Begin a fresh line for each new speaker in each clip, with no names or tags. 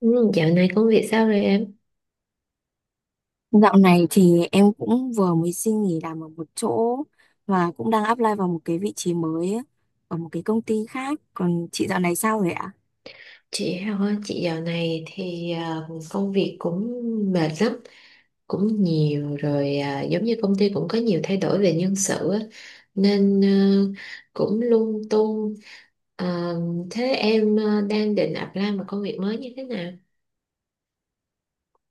Ừ, dạo này công việc sao rồi em?
Dạo này thì em cũng vừa mới xin nghỉ làm ở một chỗ và cũng đang apply vào một cái vị trí mới á, ở một cái công ty khác. Còn chị dạo này sao rồi ạ?
Chị Hào, chị dạo này thì công việc cũng mệt lắm, cũng nhiều rồi à, giống như công ty cũng có nhiều thay đổi về nhân sự á, nên cũng lung tung. Ờ, thế em đang định apply một công việc mới như thế nào?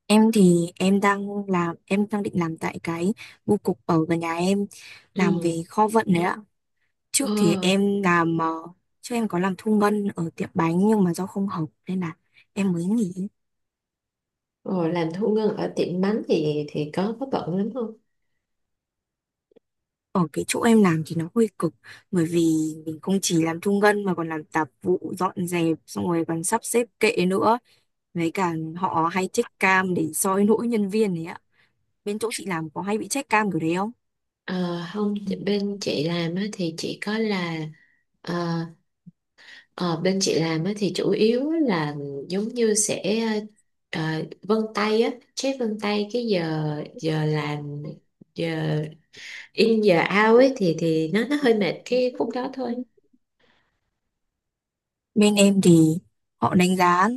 Em thì em đang làm em đang định làm tại cái bưu cục ở gần nhà em làm
Ừ.
về kho vận đấy ạ. Trước thì
Ờ,
trước em có làm thu ngân ở tiệm bánh nhưng mà do không hợp nên là em mới nghỉ.
ờ, làm thu ngân ở tiệm bánh thì có bận lắm không?
Ở cái chỗ em làm thì nó hơi cực bởi vì mình không chỉ làm thu ngân mà còn làm tạp vụ dọn dẹp xong rồi còn sắp xếp kệ nữa, với cả họ hay check cam để soi lỗi nhân viên đấy ạ. Bên chỗ chị làm có hay bị check cam kiểu đấy không?
Ờ, không,
Ừ.
bên chị làm á, thì chỉ có là ờ, Ờ, bên chị làm á, thì chủ yếu là giống như sẽ ờ, vân tay á, check vân tay cái giờ giờ làm, giờ in giờ out ấy thì nó hơi mệt cái khúc đó thôi.
Bên em thì họ đánh giá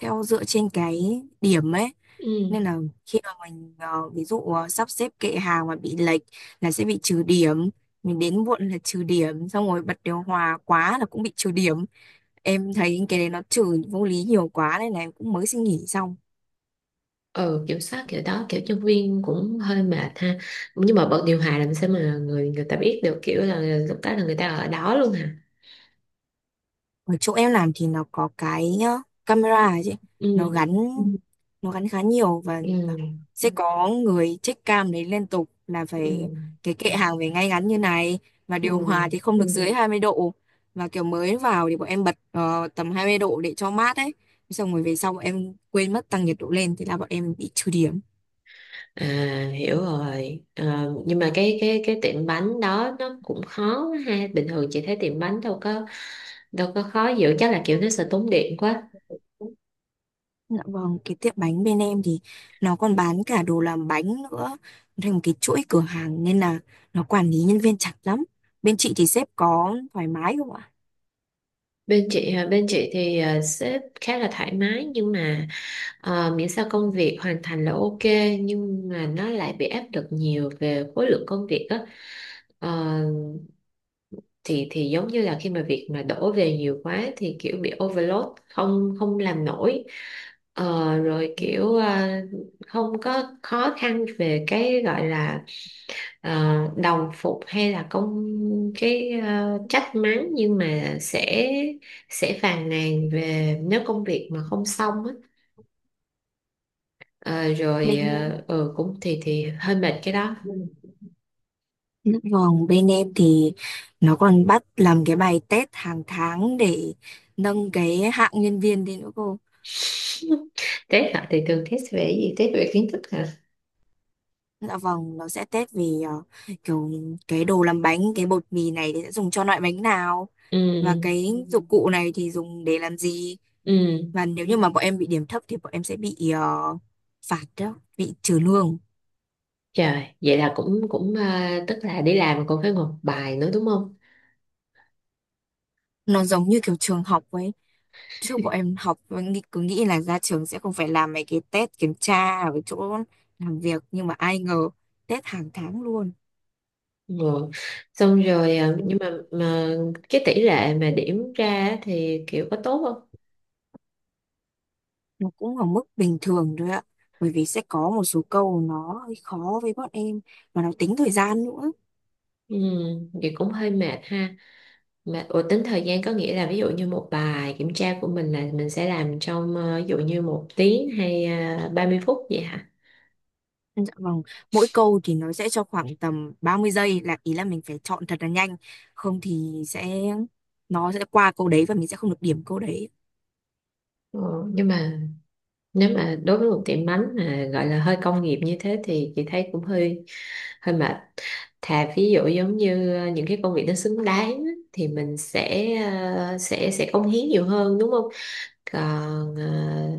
theo dựa trên cái điểm ấy,
Ừ.
nên là khi mà ví dụ sắp xếp kệ hàng mà bị lệch là sẽ bị trừ điểm, mình đến muộn là trừ điểm, xong rồi bật điều hòa quá là cũng bị trừ điểm. Em thấy cái đấy nó chửi vô lý nhiều quá nên là em cũng mới xin nghỉ xong.
Ừ, kiểm soát kiểu đó, kiểu nhân viên cũng hơi mệt ha. Nhưng mà bật điều hòa làm sao mà người người ta biết được, kiểu là lúc đó là người ta ở đó luôn hả?
Ở chỗ em làm thì nó có cái camera ấy chị, nó
Ừ.
gắn Ừ. nó gắn khá nhiều, và
Ừ.
sẽ có người check cam đấy liên tục, là
Ừ,
phải cái kệ hàng phải ngay ngắn như này, và
ừ.
điều hòa thì không được dưới 20 độ. Và kiểu mới vào thì bọn em bật ờ, tầm 20 độ để cho mát ấy. Xong rồi về sau bọn em quên mất tăng nhiệt độ lên, thế là bọn em bị trừ điểm.
À, hiểu rồi. Ờ, nhưng mà cái tiệm bánh đó nó cũng khó quá ha, bình thường chị thấy tiệm bánh đâu có khó dữ, chắc là kiểu nó sẽ tốn điện quá.
Dạ vâng, cái tiệm bánh bên em thì nó còn bán cả đồ làm bánh nữa, thành một cái chuỗi cửa hàng nên là nó quản lý nhân viên chặt lắm. Bên chị thì sếp có thoải mái không ạ?
Bên chị hả? Bên chị thì sếp khá là thoải mái, nhưng mà miễn sao công việc hoàn thành là ok, nhưng mà nó lại bị áp lực nhiều về khối lượng công việc á. Ờ, thì giống như là khi mà việc mà đổ về nhiều quá thì kiểu bị overload, không không làm nổi. Rồi kiểu không có khó khăn về cái gọi là ờ, đồng phục hay là cái trách mắng, nhưng mà sẽ phàn nàn về nếu công việc mà không xong á. Ờ, rồi cũng thì hơi mệt cái đó.
Dạ vâng, bên em thì nó còn bắt làm cái bài test hàng tháng để nâng cái hạng nhân viên lên nữa cô.
Test hả? Thì thường test về cái gì, test về kiến thức hả?
Dạ vâng, nó sẽ test về kiểu cái đồ làm bánh, cái bột mì này thì sẽ dùng cho loại bánh nào,
Ừ.
và cái dụng cụ này thì dùng để làm gì.
Ừ.
Và nếu như mà bọn em bị điểm thấp thì bọn em sẽ bị ờ, phạt đó, bị trừ lương.
Trời, vậy là cũng cũng à, tức là đi làm còn phải ngồi bài nữa đúng không?
Nó giống như kiểu trường học ấy, trước bọn em học bọn nghĩ- cứ nghĩ là ra trường sẽ không phải làm mấy cái test kiểm tra ở cái chỗ làm việc, nhưng mà ai ngờ test hàng tháng luôn.
Ngồi. Xong rồi à, nhưng mà cái tỷ lệ mà điểm ra á thì kiểu có tốt không?
Nó cũng ở mức bình thường thôi ạ, bởi vì sẽ có một số câu nó hơi khó với bọn em, và nó tính thời gian nữa.
Ừ, thì cũng hơi mệt ha. Mà ủa, tính thời gian có nghĩa là ví dụ như một bài kiểm tra của mình là mình sẽ làm trong ví dụ như 1 tiếng hay 30 phút vậy hả?
Dạ vâng, mỗi câu thì nó sẽ cho khoảng tầm 30 giây, là ý là mình phải chọn thật là nhanh, không thì nó sẽ qua câu đấy và mình sẽ không được điểm câu đấy.
Ừ, nhưng mà nếu mà đối với một tiệm bánh mà gọi là hơi công nghiệp như thế thì chị thấy cũng hơi hơi mệt, thà ví dụ giống như những cái công việc nó xứng đáng á, thì mình sẽ sẽ cống hiến nhiều hơn đúng không, còn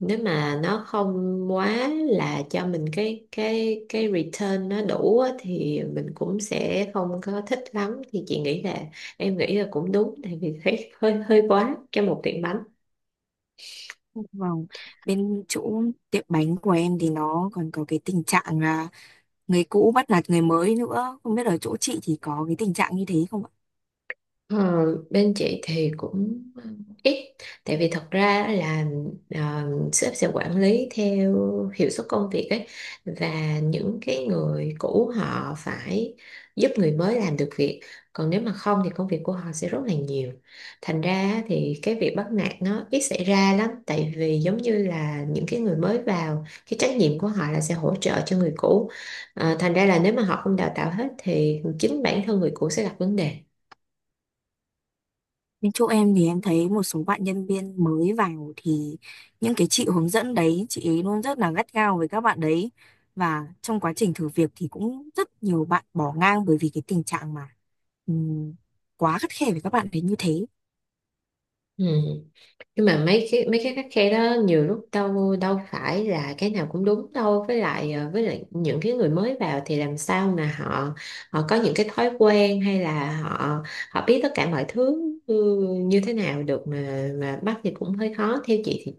nếu mà nó không quá là cho mình cái return nó đủ á, thì mình cũng sẽ không có thích lắm, thì chị nghĩ là em nghĩ là cũng đúng tại vì thấy hơi hơi quá cho một tiệm bánh.
Dạ Vâng, bên chỗ tiệm bánh của em thì nó còn có cái tình trạng là người cũ bắt nạt người mới nữa, không biết ở chỗ chị thì có cái tình trạng như thế không ạ?
Ờ, bên chị thì cũng ít, tại vì thật ra là ờ, sếp sẽ quản lý theo hiệu suất công việc ấy, và những cái người cũ họ phải giúp người mới làm được việc, còn nếu mà không thì công việc của họ sẽ rất là nhiều, thành ra thì cái việc bắt nạt nó ít xảy ra lắm tại vì giống như là những cái người mới vào cái trách nhiệm của họ là sẽ hỗ trợ cho người cũ. Thành ra là nếu mà họ không đào tạo hết thì chính bản thân người cũ sẽ gặp vấn đề.
Bên chỗ em thì em thấy một số bạn nhân viên mới vào thì những cái chị hướng dẫn đấy, chị ấy luôn rất là gắt gao với các bạn đấy, và trong quá trình thử việc thì cũng rất nhiều bạn bỏ ngang bởi vì cái tình trạng mà ừm, quá khắt khe với các bạn đấy như thế.
Ừ. Nhưng mà mấy cái khắt khe đó nhiều lúc đâu đâu phải là cái nào cũng đúng đâu, với lại với lại những cái người mới vào thì làm sao mà họ họ có những cái thói quen hay là họ họ biết tất cả mọi thứ như thế nào được, mà bắt thì cũng hơi khó, theo chị thì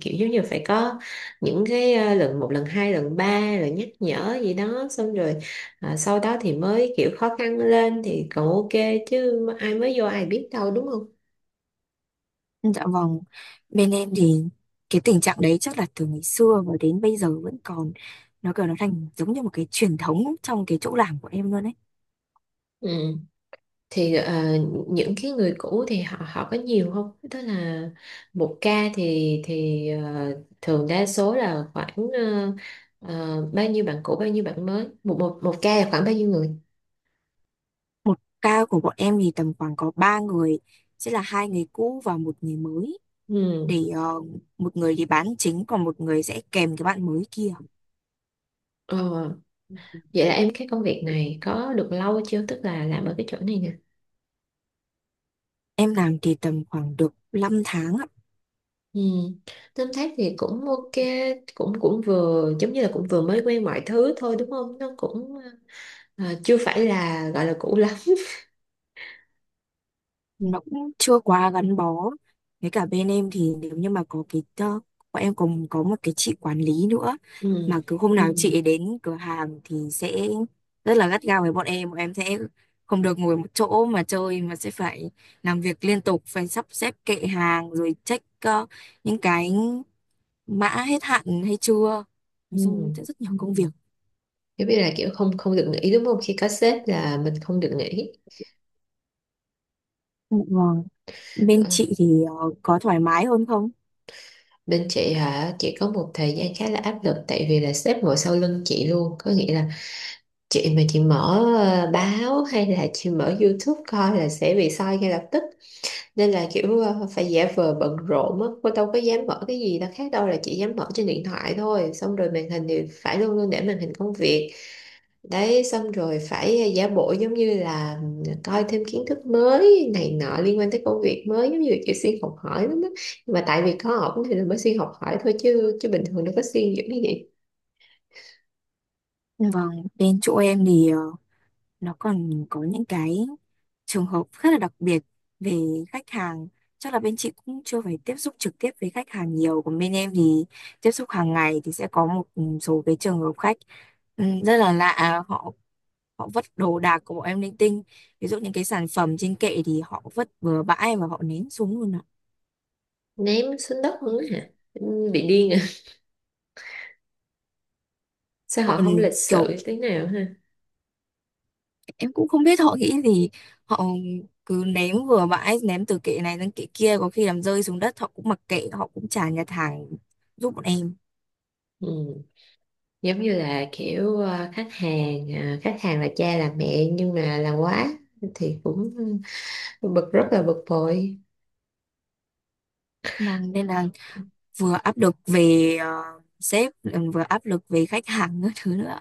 kiểu giống như phải có những cái lần một, lần hai, lần ba rồi nhắc nhở gì đó, xong rồi sau đó thì mới kiểu khó khăn lên thì còn ok, chứ ai mới vô ai biết đâu đúng không?
Dạ vâng, bên em thì cái tình trạng đấy chắc là từ ngày xưa và đến bây giờ vẫn còn, nó kiểu nó thành giống như một cái truyền thống trong cái chỗ làm của em luôn ấy.
Ừ, thì những cái người cũ thì họ họ có nhiều không? Tức là một ca thì thường đa số là khoảng bao nhiêu bạn cũ, bao nhiêu bạn mới, một một một ca là khoảng bao nhiêu người?
Một ca của bọn em thì tầm khoảng có ba người, sẽ là hai người cũ và một người mới,
Ừ.
để một người thì bán chính còn một người sẽ kèm cái bạn mới kia.
Ờ, vậy là em, cái công việc này có được lâu chưa? Tức là làm ở cái chỗ này nè.
Em làm thì tầm khoảng được 5 tháng ạ.
Ừ. Tóm tắt thì cũng ok, cũng cũng vừa giống như là cũng vừa mới quen mọi thứ thôi đúng không? Nó cũng chưa phải là gọi là cũ lắm.
Nó cũng chưa quá gắn bó, với cả bên em thì nếu như mà bọn em còn có một cái chị quản lý nữa, mà
Ừ.
cứ hôm nào chị ấy đến cửa hàng thì sẽ rất là gắt gao với bọn em, bọn em sẽ không được ngồi một chỗ mà chơi mà sẽ phải làm việc liên tục, phải sắp xếp kệ hàng rồi check những cái mã hết hạn hay chưa, nói
Ừ.
chung sẽ rất nhiều công việc.
Giống như là kiểu không không được nghỉ đúng không? Khi có sếp là mình không được nghỉ.
Vâng, bên
Ờ,
chị thì ờ, có thoải mái hơn không?
Bên chị hả? Chị có một thời gian khá là áp lực tại vì là sếp ngồi sau lưng chị luôn. Có nghĩa là chị mà chị mở báo hay là chị mở YouTube coi là sẽ bị soi ngay lập tức. Nên là kiểu phải giả vờ bận rộn á. Cô đâu có dám mở cái gì đâu khác đâu, là chị dám mở trên điện thoại thôi. Xong rồi màn hình thì phải luôn luôn để màn hình công việc đấy, xong rồi phải giả bộ giống như là coi thêm kiến thức mới này nọ liên quan tới công việc mới, giống như là kiểu xuyên học hỏi lắm á, nhưng mà tại vì có ổn thì là mới xuyên học hỏi thôi, chứ chứ bình thường đâu có xuyên dữ như vậy.
Vâng, bên chỗ em thì nó còn có những cái trường hợp rất là đặc biệt về khách hàng. Chắc là bên chị cũng chưa phải tiếp xúc trực tiếp với khách hàng nhiều, còn bên em thì tiếp xúc hàng ngày thì sẽ có một số cái trường hợp khách rất là lạ. À, họ họ vứt đồ đạc của bọn em linh tinh, ví dụ những cái sản phẩm trên kệ thì họ vứt bừa bãi và họ ném xuống luôn ạ.
Ném xuống đất luôn á hả? Ừ, bị điên à? Sao
Họ
họ không lịch sự
kiểu,
tí nào ha.
em cũng không biết họ nghĩ gì, họ cứ ném vừa bãi, ném từ kệ này sang kệ kia, có khi làm rơi xuống đất họ cũng mặc kệ, họ cũng chả nhặt hàng giúp bọn em.
Ừ, giống như là kiểu khách hàng là cha là mẹ nhưng mà là quá thì cũng bực, rất là bực bội.
Vâng, nên là vừa áp lực về sếp, ừ, vừa áp lực về khách hàng các thứ nữa.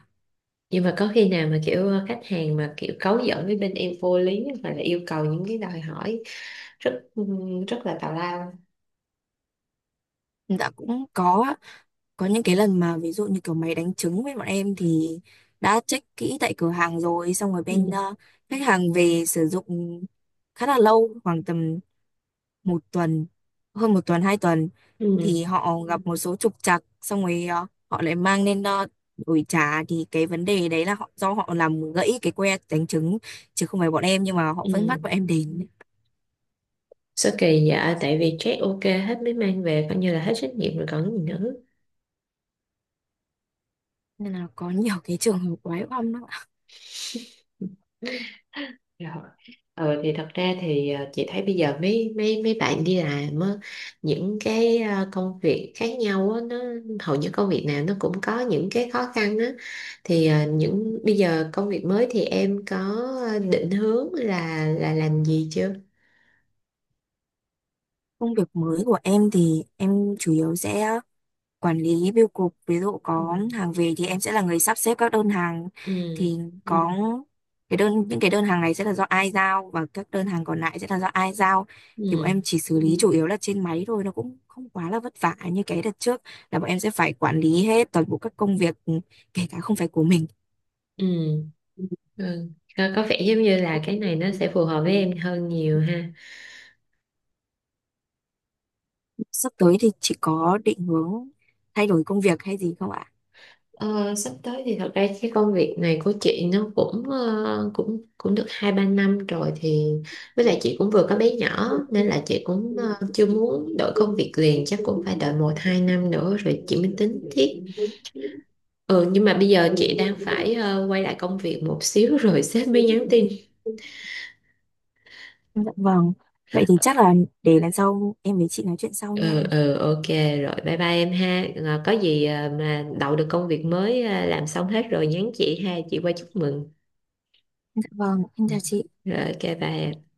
Nhưng mà có khi nào mà kiểu khách hàng mà kiểu cấu giỡn với bên em vô lý hoặc là yêu cầu những cái đòi hỏi rất rất là tào lao?
Đã cũng có những cái lần mà ví dụ như kiểu máy đánh trứng với bọn em thì đã check kỹ tại cửa hàng rồi, xong rồi bên
Ừ.
ờ, khách hàng về sử dụng khá là lâu, khoảng tầm 1 tuần, hơn 1 tuần, 2 tuần,
Ừ.
thì họ gặp một số trục trặc, xong rồi họ lại mang lên đổi trả. Thì cái vấn đề đấy là họ, do họ làm gãy cái que đánh trứng chứ không phải bọn em, nhưng mà họ vẫn
Ừ.
bắt bọn em đến.
Sao kỳ dạ, tại vì check ok hết mới mang về coi như là hết trách nhiệm rồi còn gì nữa.
Nên là có nhiều cái trường hợp quái oăm lắm ạ.
Rồi. Ừ, thì thật ra thì chị thấy bây giờ mấy mấy mấy bạn đi làm á, những cái công việc khác nhau á, nó hầu như công việc nào nó cũng có những cái khó khăn á, thì những bây giờ công việc mới thì em có định hướng là làm gì chưa?
Công việc mới của em thì em chủ yếu sẽ quản lý bưu cục, ví dụ
Ừ.
có hàng về thì em sẽ là người sắp xếp các đơn hàng,
Ừ.
thì Ừ. có cái đơn những cái đơn hàng này sẽ là do ai giao và các đơn hàng còn lại sẽ là do ai giao. Thì bọn
Ừ.
em chỉ xử lý chủ yếu là trên máy thôi, nó cũng không quá là vất vả như cái đợt trước là bọn em sẽ phải quản lý hết toàn bộ các công việc, kể cả không phải của mình.
Ừ. Ừ. Có vẻ giống như là cái này nó sẽ phù hợp với em
Ừ.
hơn nhiều ha.
Sắp tới thì chị có định hướng thay đổi công việc hay gì không ạ?
Ờ, sắp tới thì thật ra cái công việc này của chị nó cũng ờ, cũng cũng được 2-3 năm rồi, thì với lại chị cũng vừa có bé nhỏ nên là chị cũng chưa muốn đổi công việc liền, chắc cũng phải đợi 1-2 năm nữa rồi chị mới tính tiếp. Ừ, nhưng mà bây giờ chị đang phải quay lại công việc một xíu rồi sếp mới nhắn tin.
Dạ vâng. Vậy thì chắc là để lần sau em với chị nói chuyện sau
Ừ,
nha.
ừ, ok rồi, bye bye em ha. Ờ, có gì mà đậu được công việc mới làm xong hết rồi nhắn chị ha, chị qua chúc mừng.
Dạ vâng, em
Ừ.
chào chị.
Rồi, ok, bye em.